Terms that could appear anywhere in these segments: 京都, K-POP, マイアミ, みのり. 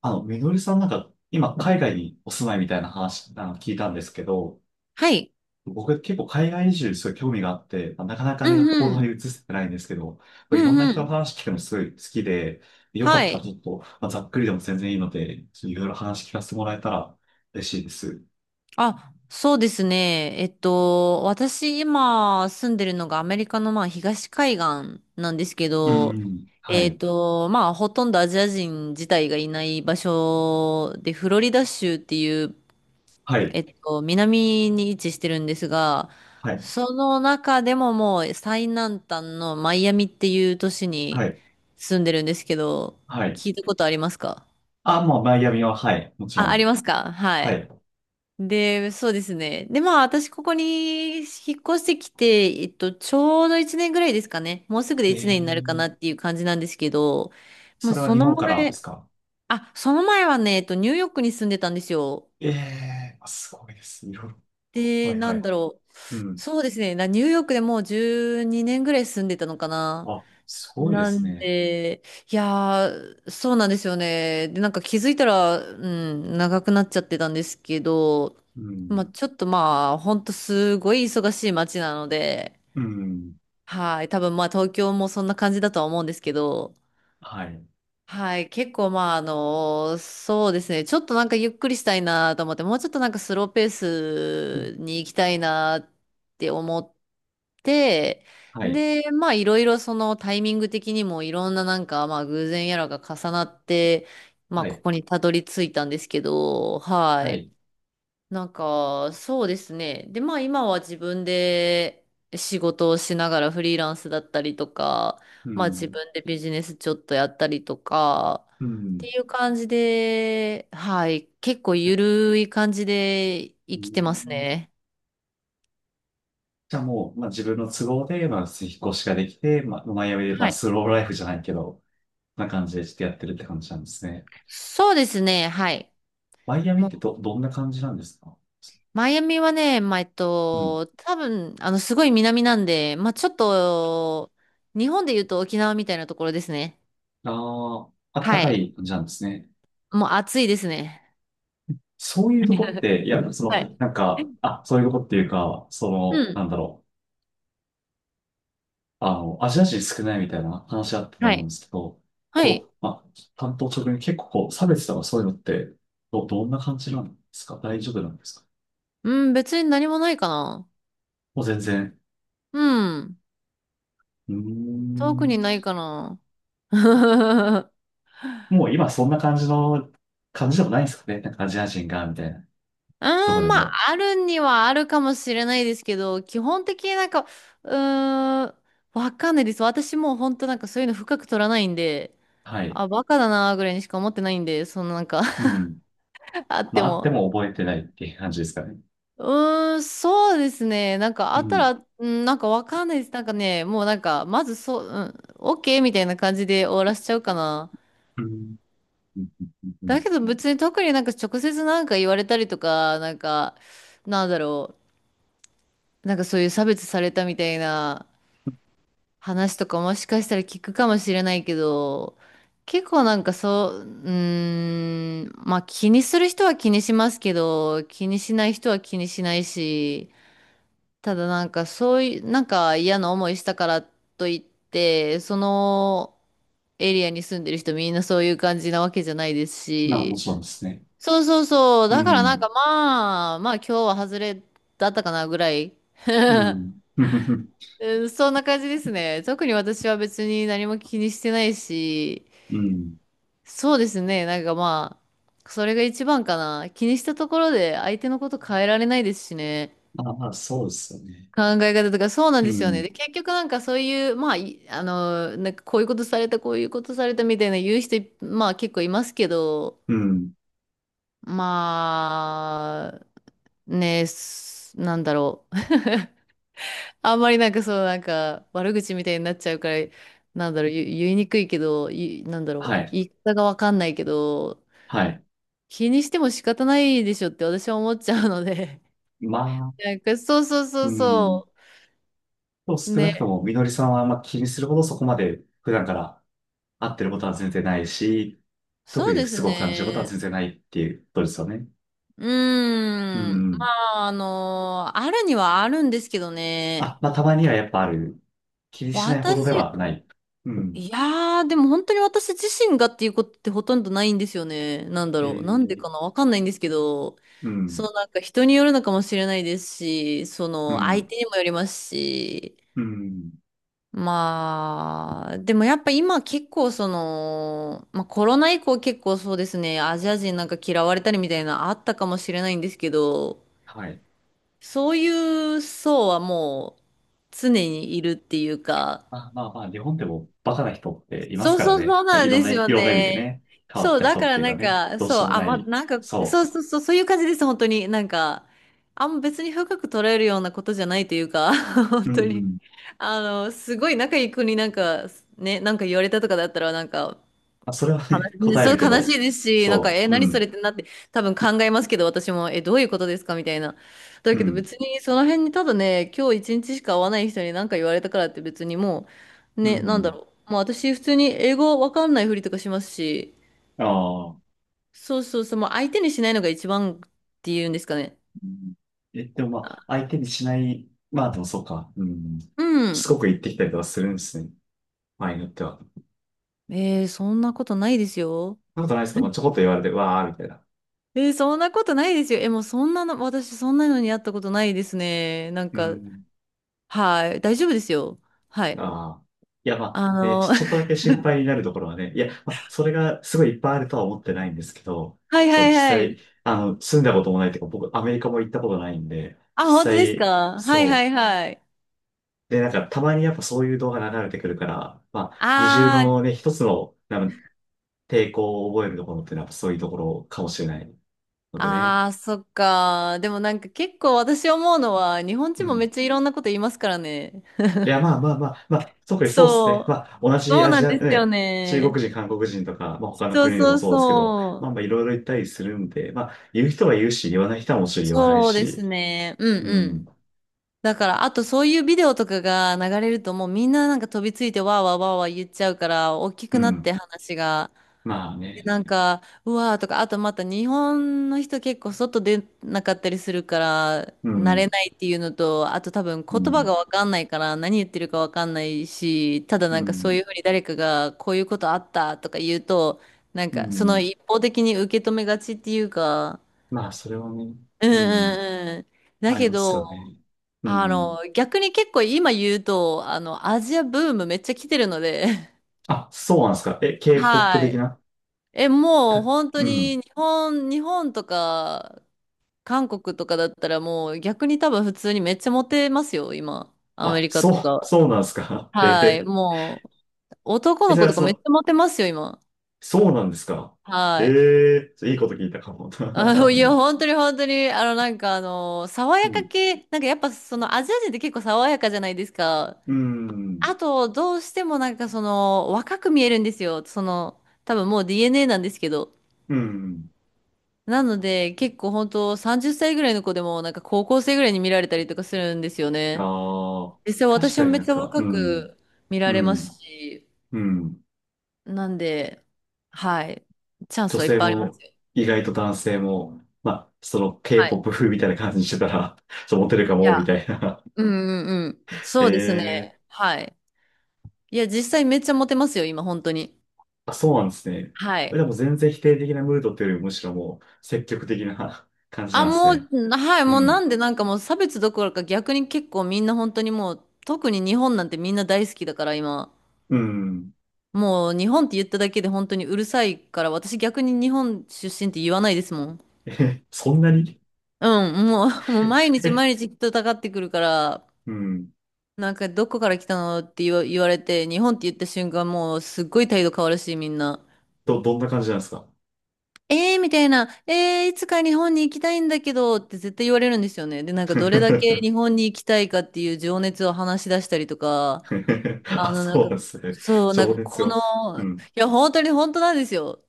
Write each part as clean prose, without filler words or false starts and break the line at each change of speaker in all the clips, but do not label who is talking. みのりさんなんか、今、海外にお住まいみたいな話、聞いたんですけど、
はい。
僕結構海外移住にすごい興味があって、まあなかなか
う
ね、
ん
行
う
動
ん。
に移せてないんですけど、こ
う
れいろ
ん
んな
う
人の
ん。
話聞くのすごい好きで、よか
は
ったら
い。
ちょっと、まあ、ざっくりでも全然いいので、ちょっといろいろ話聞かせてもらえたら嬉しいです。
あ、そうですね。私今住んでるのがアメリカの東海岸なんですけ
う
ど、
ん。はい。
ほとんどアジア人自体がいない場所で、フロリダ州っていう、
はい。
南に位置してるんですが、
はい。
その中でももう最南端のマイアミっていう都市
は
に
い。
住んでるんですけど、
はい。
聞いたことありますか？
あ、もうマイアミは、はい。もちろ
あ、あり
ん。
ますか、は
は
い。
い。
で、そうですね。で、まあ、私、ここに引っ越してきて、ちょうど1年ぐらいですかね。もうすぐで
え
1年になるかなっ
ー、
ていう感じなんですけど、まあ、
それは
そ
日
の
本からで
前、
すか？
あ、その前はね、えっと、ニューヨークに住んでたんですよ。
ええー、あすごいです。いろいろ。
で、
はい
な
は
ん
い。
だろう。
うん。
そうですね。なニューヨークでもう12年ぐらい住んでたのかな。
あ、すごいで
な
す
ん
ね。
で、いやー、そうなんですよね。で、なんか気づいたら、うん、長くなっちゃってたんですけど、
う
まあ
ん。
ちょっとまあ、ほんとすごい忙しい街なので、
うん。
はい、多分まあ東京もそんな感じだとは思うんですけど、
はい。
はい、結構まあそうですね、ちょっとなんかゆっくりしたいなと思って、もうちょっとなんかスローペー
うん
スに行きたいなって思って、
はい。
でまあいろいろそのタイミング的にもいろんななんかまあ偶然やらが重なって、まあ
は
こ
い。
こにたどり着いたんですけど、は
は
い。
い。
なんか、そうですね。で、まあ今は自分で仕事をしながら、フリーランスだったりとか、
う
まあ自
ん。
分でビジネスちょっとやったりとか、
う
っ
ん。
ていう感じで、はい、結構
だ
ゆるい感じで
う
生きてます
ん
ね。
じゃあもう、まあ、自分の都合で、まあ、引っ越しができて、まあ、マイアミで、ま
は
あ、
い。
スローライフじゃないけど、な感じでしてやってるって感じなんですね。
そうですね、はい。
マイアミっ
も
て
う、
ど、どんな感じなんですか？
マイアミはね、
うん。
多分、すごい南なんで、まあちょっと、日本で言うと沖縄みたいなところですね。
ああ、あった
は
か
い。
い感じなんですね。
もう暑いですね。
そういうとこって、い や、そ
は
の、
い。
なんか、あ、そういうとこっていうか、そ
う
の、な
ん。
んだろう。アジア人少ないみたいな話あったと
は
思うん
い。
ですけど、
はい。
こう、まあ、担当直入に結構こう、差別とかそういうのって、ど、どんな感じなんですか？大丈夫なんですか？
うん、別に何もないかな。
もう全然。
うん。
うー
特
ん。
にないかな。う
もう今そんな感じの、感じでもないんですかね？なんかアジア人が、みたいな。
ー
どこ
ん、
で
まあ、
も。
あるにはあるかもしれないですけど、基本的になんか、うーん、わかんないです。私もう本当なんかそういうの深く取らないんで、
はい。
あ、バカだなーぐらいにしか思ってないんで、そのなんか
うん。
あっ
ま
て
あ、あって
も。
も覚えてないっていう感じですかね。
うーん、そうですね。なんか
う
あった
ん。
ら、うん、なんかわかんないです。なんかね、もうなんか、まずそう、うん、オッケーみたいな感じで終わらしちゃうかな。
うん。うん。う
だ
ん。
けど別に特になんか直接なんか言われたりとか、なんか、なんだろう、なんかそういう差別されたみたいな話とかもしかしたら聞くかもしれないけど、結構なんかそう、うーん、まあ気にする人は気にしますけど、気にしない人は気にしないし、ただなんかそういう、なんか嫌な思いしたからといって、そのエリアに住んでる人みんなそういう感じなわけじゃないです
まあ、も
し、
ちろんですね。
そうそうそう、
う
だからなん
ん。
かまあ、まあ今日は外れだったかなぐらい。
う ん。
うん、そんな感じですね。特に私は別に何も気にしてないし、
うん。
そうですね、なんかまあ、それが一番かな。気にしたところで相手のこと変えられないですしね。
まあまあ、そうですよね。
考え方とか、そうなん
う
ですよね。で、
ん。
結局なんかそういう、まあ、いなんかこういうことされた、こういうことされたみたいな言う人、まあ結構いますけど、
うん。
まあ、ね、す、なんだろう。あんまりなんかそう、なんか悪口みたいになっちゃうから、なんだろう、言いにくいけど、いなんだろ
は
う、
い。
言い方がわかんないけど、
はい。
気にしても仕方ないでしょって私は思っちゃうので、
まあ、
なんかそうそうそ
う
う
ん。
そ
と
う。
少なくと
ね、
も、みのりさんはあんま気にするほどそこまで普段から会ってることは全然ないし、特
そう
に
で
不
す
都合を感じることは
ね。
全然ないっていうことですよね。
う
う
ーん。ま
ん。
あ、あるにはあるんですけどね。
あ、まあ、たまにはやっぱある。気にしないほどでは
私、
ない。うん。
いやー、でも本当に私自身がっていうことってほとんどないんですよね。なんだ
え
ろう。なんで
ー、
かなわかんないんですけど、
う
そ
ん。
のなんか人によるのかもしれないですし、そ
う
の相
ん。
手にもよりますし、
うん。
まあ、でもやっぱ今結構その、まあコロナ以降結構そうですね、アジア人なんか嫌われたりみたいなのあったかもしれないんですけど、
はい。
そういう層はもう常にいるっていうか、
まあまあまあ、日本でもバカな人っています
そう
から
そうそ
ね。
う
まあ、
な
い
ん
ろん
で
な、
す
い
よ
ろんな意味で
ね。
ね、変わっ
そう、
た
だ
人
か
っ
ら
ていう
な
か
ん
ね、
か、
どうし
そ
よ
う、
うも
あ、
な
ま、
い。
なんか、
そ
そうそうそう、そういう感じです、本当に。なんか、あんま別に深く捉えるようなことじゃないというか、
う。
本
うん
当
う
に。
ん
すごい仲いい子になんか、ね、なんか言われたとかだったら、なんか、
あ、それはね、
悲しい、
答え
そ
る
う
け
悲し
ど、
いですし、なんか、
そ
え、
う、う
何それ
ん、
ってなって、多分考えますけど、私も、え、どういうことですかみたいな。だ
う
けど
ん、
別に、その辺にただね、今日一日しか会わない人に何か言われたからって別にもう、
う
ね、なんだ
ん、
ろう。もう私、普通に英語わかんないふりとかしますし、
ああ、
そうそうそう、もう相手にしないのが一番っていうんですかね。
うん。え、でもまあ、相手にしない、まあでもそうか、うん、
う
しつ
ん。
こく言ってきたりとかするんですね、場合によっては。そ
えー、そんなことないですよ。
んなことないですか、まあ、ちょこっと言われて、わあ、みたいな。
えー、そんなことないですよ。え、もうそんなの、私そんなのに会ったことないですね。なん
う
か、
ん、
はい、大丈夫ですよ。はい。
ああ。いや、ま
あ
あ、ね、ち
の、
ょ、ちょっとだけ心配になるところはね、いや、まあ、それがすごいいっぱいあるとは思ってないんですけど、
はい
そう、
は
実
いは
際、
い。
住んだこともないというか、僕、アメリカも行ったことないんで、
あ、本
実
当です
際、
か、はいは
そ
い
う、
はい。
で、なんかたまにやっぱそういう動画流れてくるから、まあ、二重
あー、
のね、一つの、なんか抵抗を覚えるところってのはやっぱそういうところかもしれないのでね。
あー、そっか。でもなんか結構私思うのは、日本
う
人もめっ
ん。
ちゃいろんなこと言いますからね。
いや、まあまあまあ、まあ、特にそうです
そ
ね。
う。
まあ、同じ
そう
ア
な
ジ
ん
ア、
ですよ
ね、中
ね。
国人、韓国人とか、まあ他の
そう
国でも
そう
そうですけど、
そ
まあまあい
う。
ろいろ言ったりするんで、まあ、言う人は言うし、言わない人はもちろん言わない
そうです
し、
ね。うん
う
う
ん、
ん。だから、あとそういうビデオとかが流れるともうみんななんか飛びついてわーわーわーわー言っちゃうから、大き
う
くなって
ん、
話が。
まあね、
なんか、うわーとか、あとまた日本の人結構外出なかったりするから、
う
慣れ
ん、
ないっていうのと、あと多分
う
言葉
ん、
がわかんないから何言ってるかわかんないし、ただ
う
なんかそう
ん、
いうふうに誰かがこういうことあったとか言うと、なん
う
かその
ん、
一方的に受け止めがちっていうか、
まあそれはね、
うん
うん。
うんうん。だ
あり
け
ますよ
ど、
ね。うん。
逆に結構今言うと、アジアブームめっちゃ来てるので、
あ、そうなんですか。え、K-POP
は
的
い。
な
え、も
た
う本当
う
に
ん。
日本とか韓国とかだったらもう逆に多分普通にめっちゃモテますよ、今。アメ
あ、
リカと
そう、
か。
そうなんですか。え
はい。
ー、
もう男
え、
の
それ
子
は
とか
そ
めっ
の、
ちゃモテますよ、今。
そうなんですか。え
はい。
えーいいこと聞いたかも。
いや、本当に本当に、なんか爽
う
やか
ん。
系、なんかやっぱそのアジア人って結構爽やかじゃないですか。
うん。
あと、どうしてもなんかその若く見えるんですよ。その、多分もう DNA なんですけど。
うん。
なので、結構本当30歳ぐらいの子でも、なんか高校生ぐらいに見られたりとかするんですよね。
ああ、
実際
確
私
か
も
に
めっ
なん
ちゃ
か、う
若
ん。
く見
う
られま
ん。
すし、
うん。
なんで、はい。チャンス
女
はいっ
性
ぱいありま
も、
すよ。
意外と男性も、まあ、その
はい。
K-POP 風みたいな感じにしてたら、そう、モテるか
い
も、み
や、
たいな。
うんうんうん。そうです ね。
ええ
はい。いや、実際めっちゃモテますよ、今、本当に。
あ、そうなんですね。
は
え
い。
でも全然否定的なムードっていうよりもむしろもう積極的な 感じな
あ、
んです
も
ね。
う、はい、
う
もうな
ん。
んでなんかもう差別どころか逆に結構みんな本当にもう、特に日本なんてみんな大好きだから、今。
うん。
もう日本って言っただけで本当にうるさいから、私逆に日本出身って言わないですもん。
え、そんなに？
うん、もう毎 日
え、
毎日人たかってくるから、
うん。
なんかどこから来たのって言われて、日本って言った瞬間もうすっごい態度変わるし、みんな。
ど、どんな感じなんですか？
えー、みたいな、えー、いつか日本に行きたいんだけどって絶対言われるんですよね。で、なんかどれだけ日本に行きたいかっていう情熱を話し出したりとか、あ
あ、
の、なん
そう
か、
なんですね。
そう、なん
情
か
熱
こ
を。う
の、い
ん。
や、本当に本当なんですよ。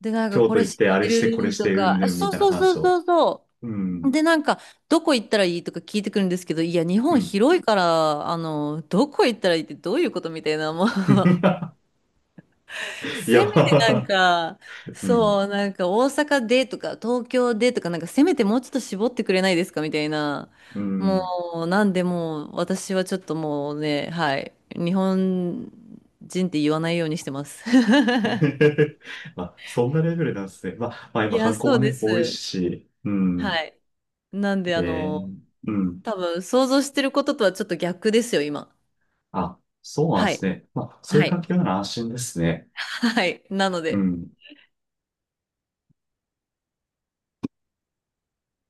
で、なんか
京
こ
都
れ
行っ
知っ
て、あ
て
れして、これ
る
し
と
て、うん
か、あ
ぬんみ
そう
たいな
そうそ
話
う
を。
そうそ
う
う。
ん。
で、なんか、どこ行ったらいいとか聞いてくるんですけど、いや、日
う
本
ん。
広いから、どこ行ったらいいってどういうことみたいな、もう
いや、
せ
ま
めてなん
あ、
か、
うん。
そう、なんか大阪でとか、東京でとか、なんかせめてもうちょっと絞ってくれないですかみたいな。
う
も
ん。
う、なんでもう、私はちょっともうね、はい、日本人って言わないようにしてます。
まあ、そんなレベルなんですね。まあ、まあ
い
今
や、
観光
そ
も
うで
ね、多い
す。
し、うん。ね
はい。なんで、
えー、うん。
多分想像してることとはちょっと逆ですよ、今。
あ、そうなん
は
です
い。
ね。まあ、そうい
は
う
い。
環境なら安心ですね。
はい。なの
う
で、
ん。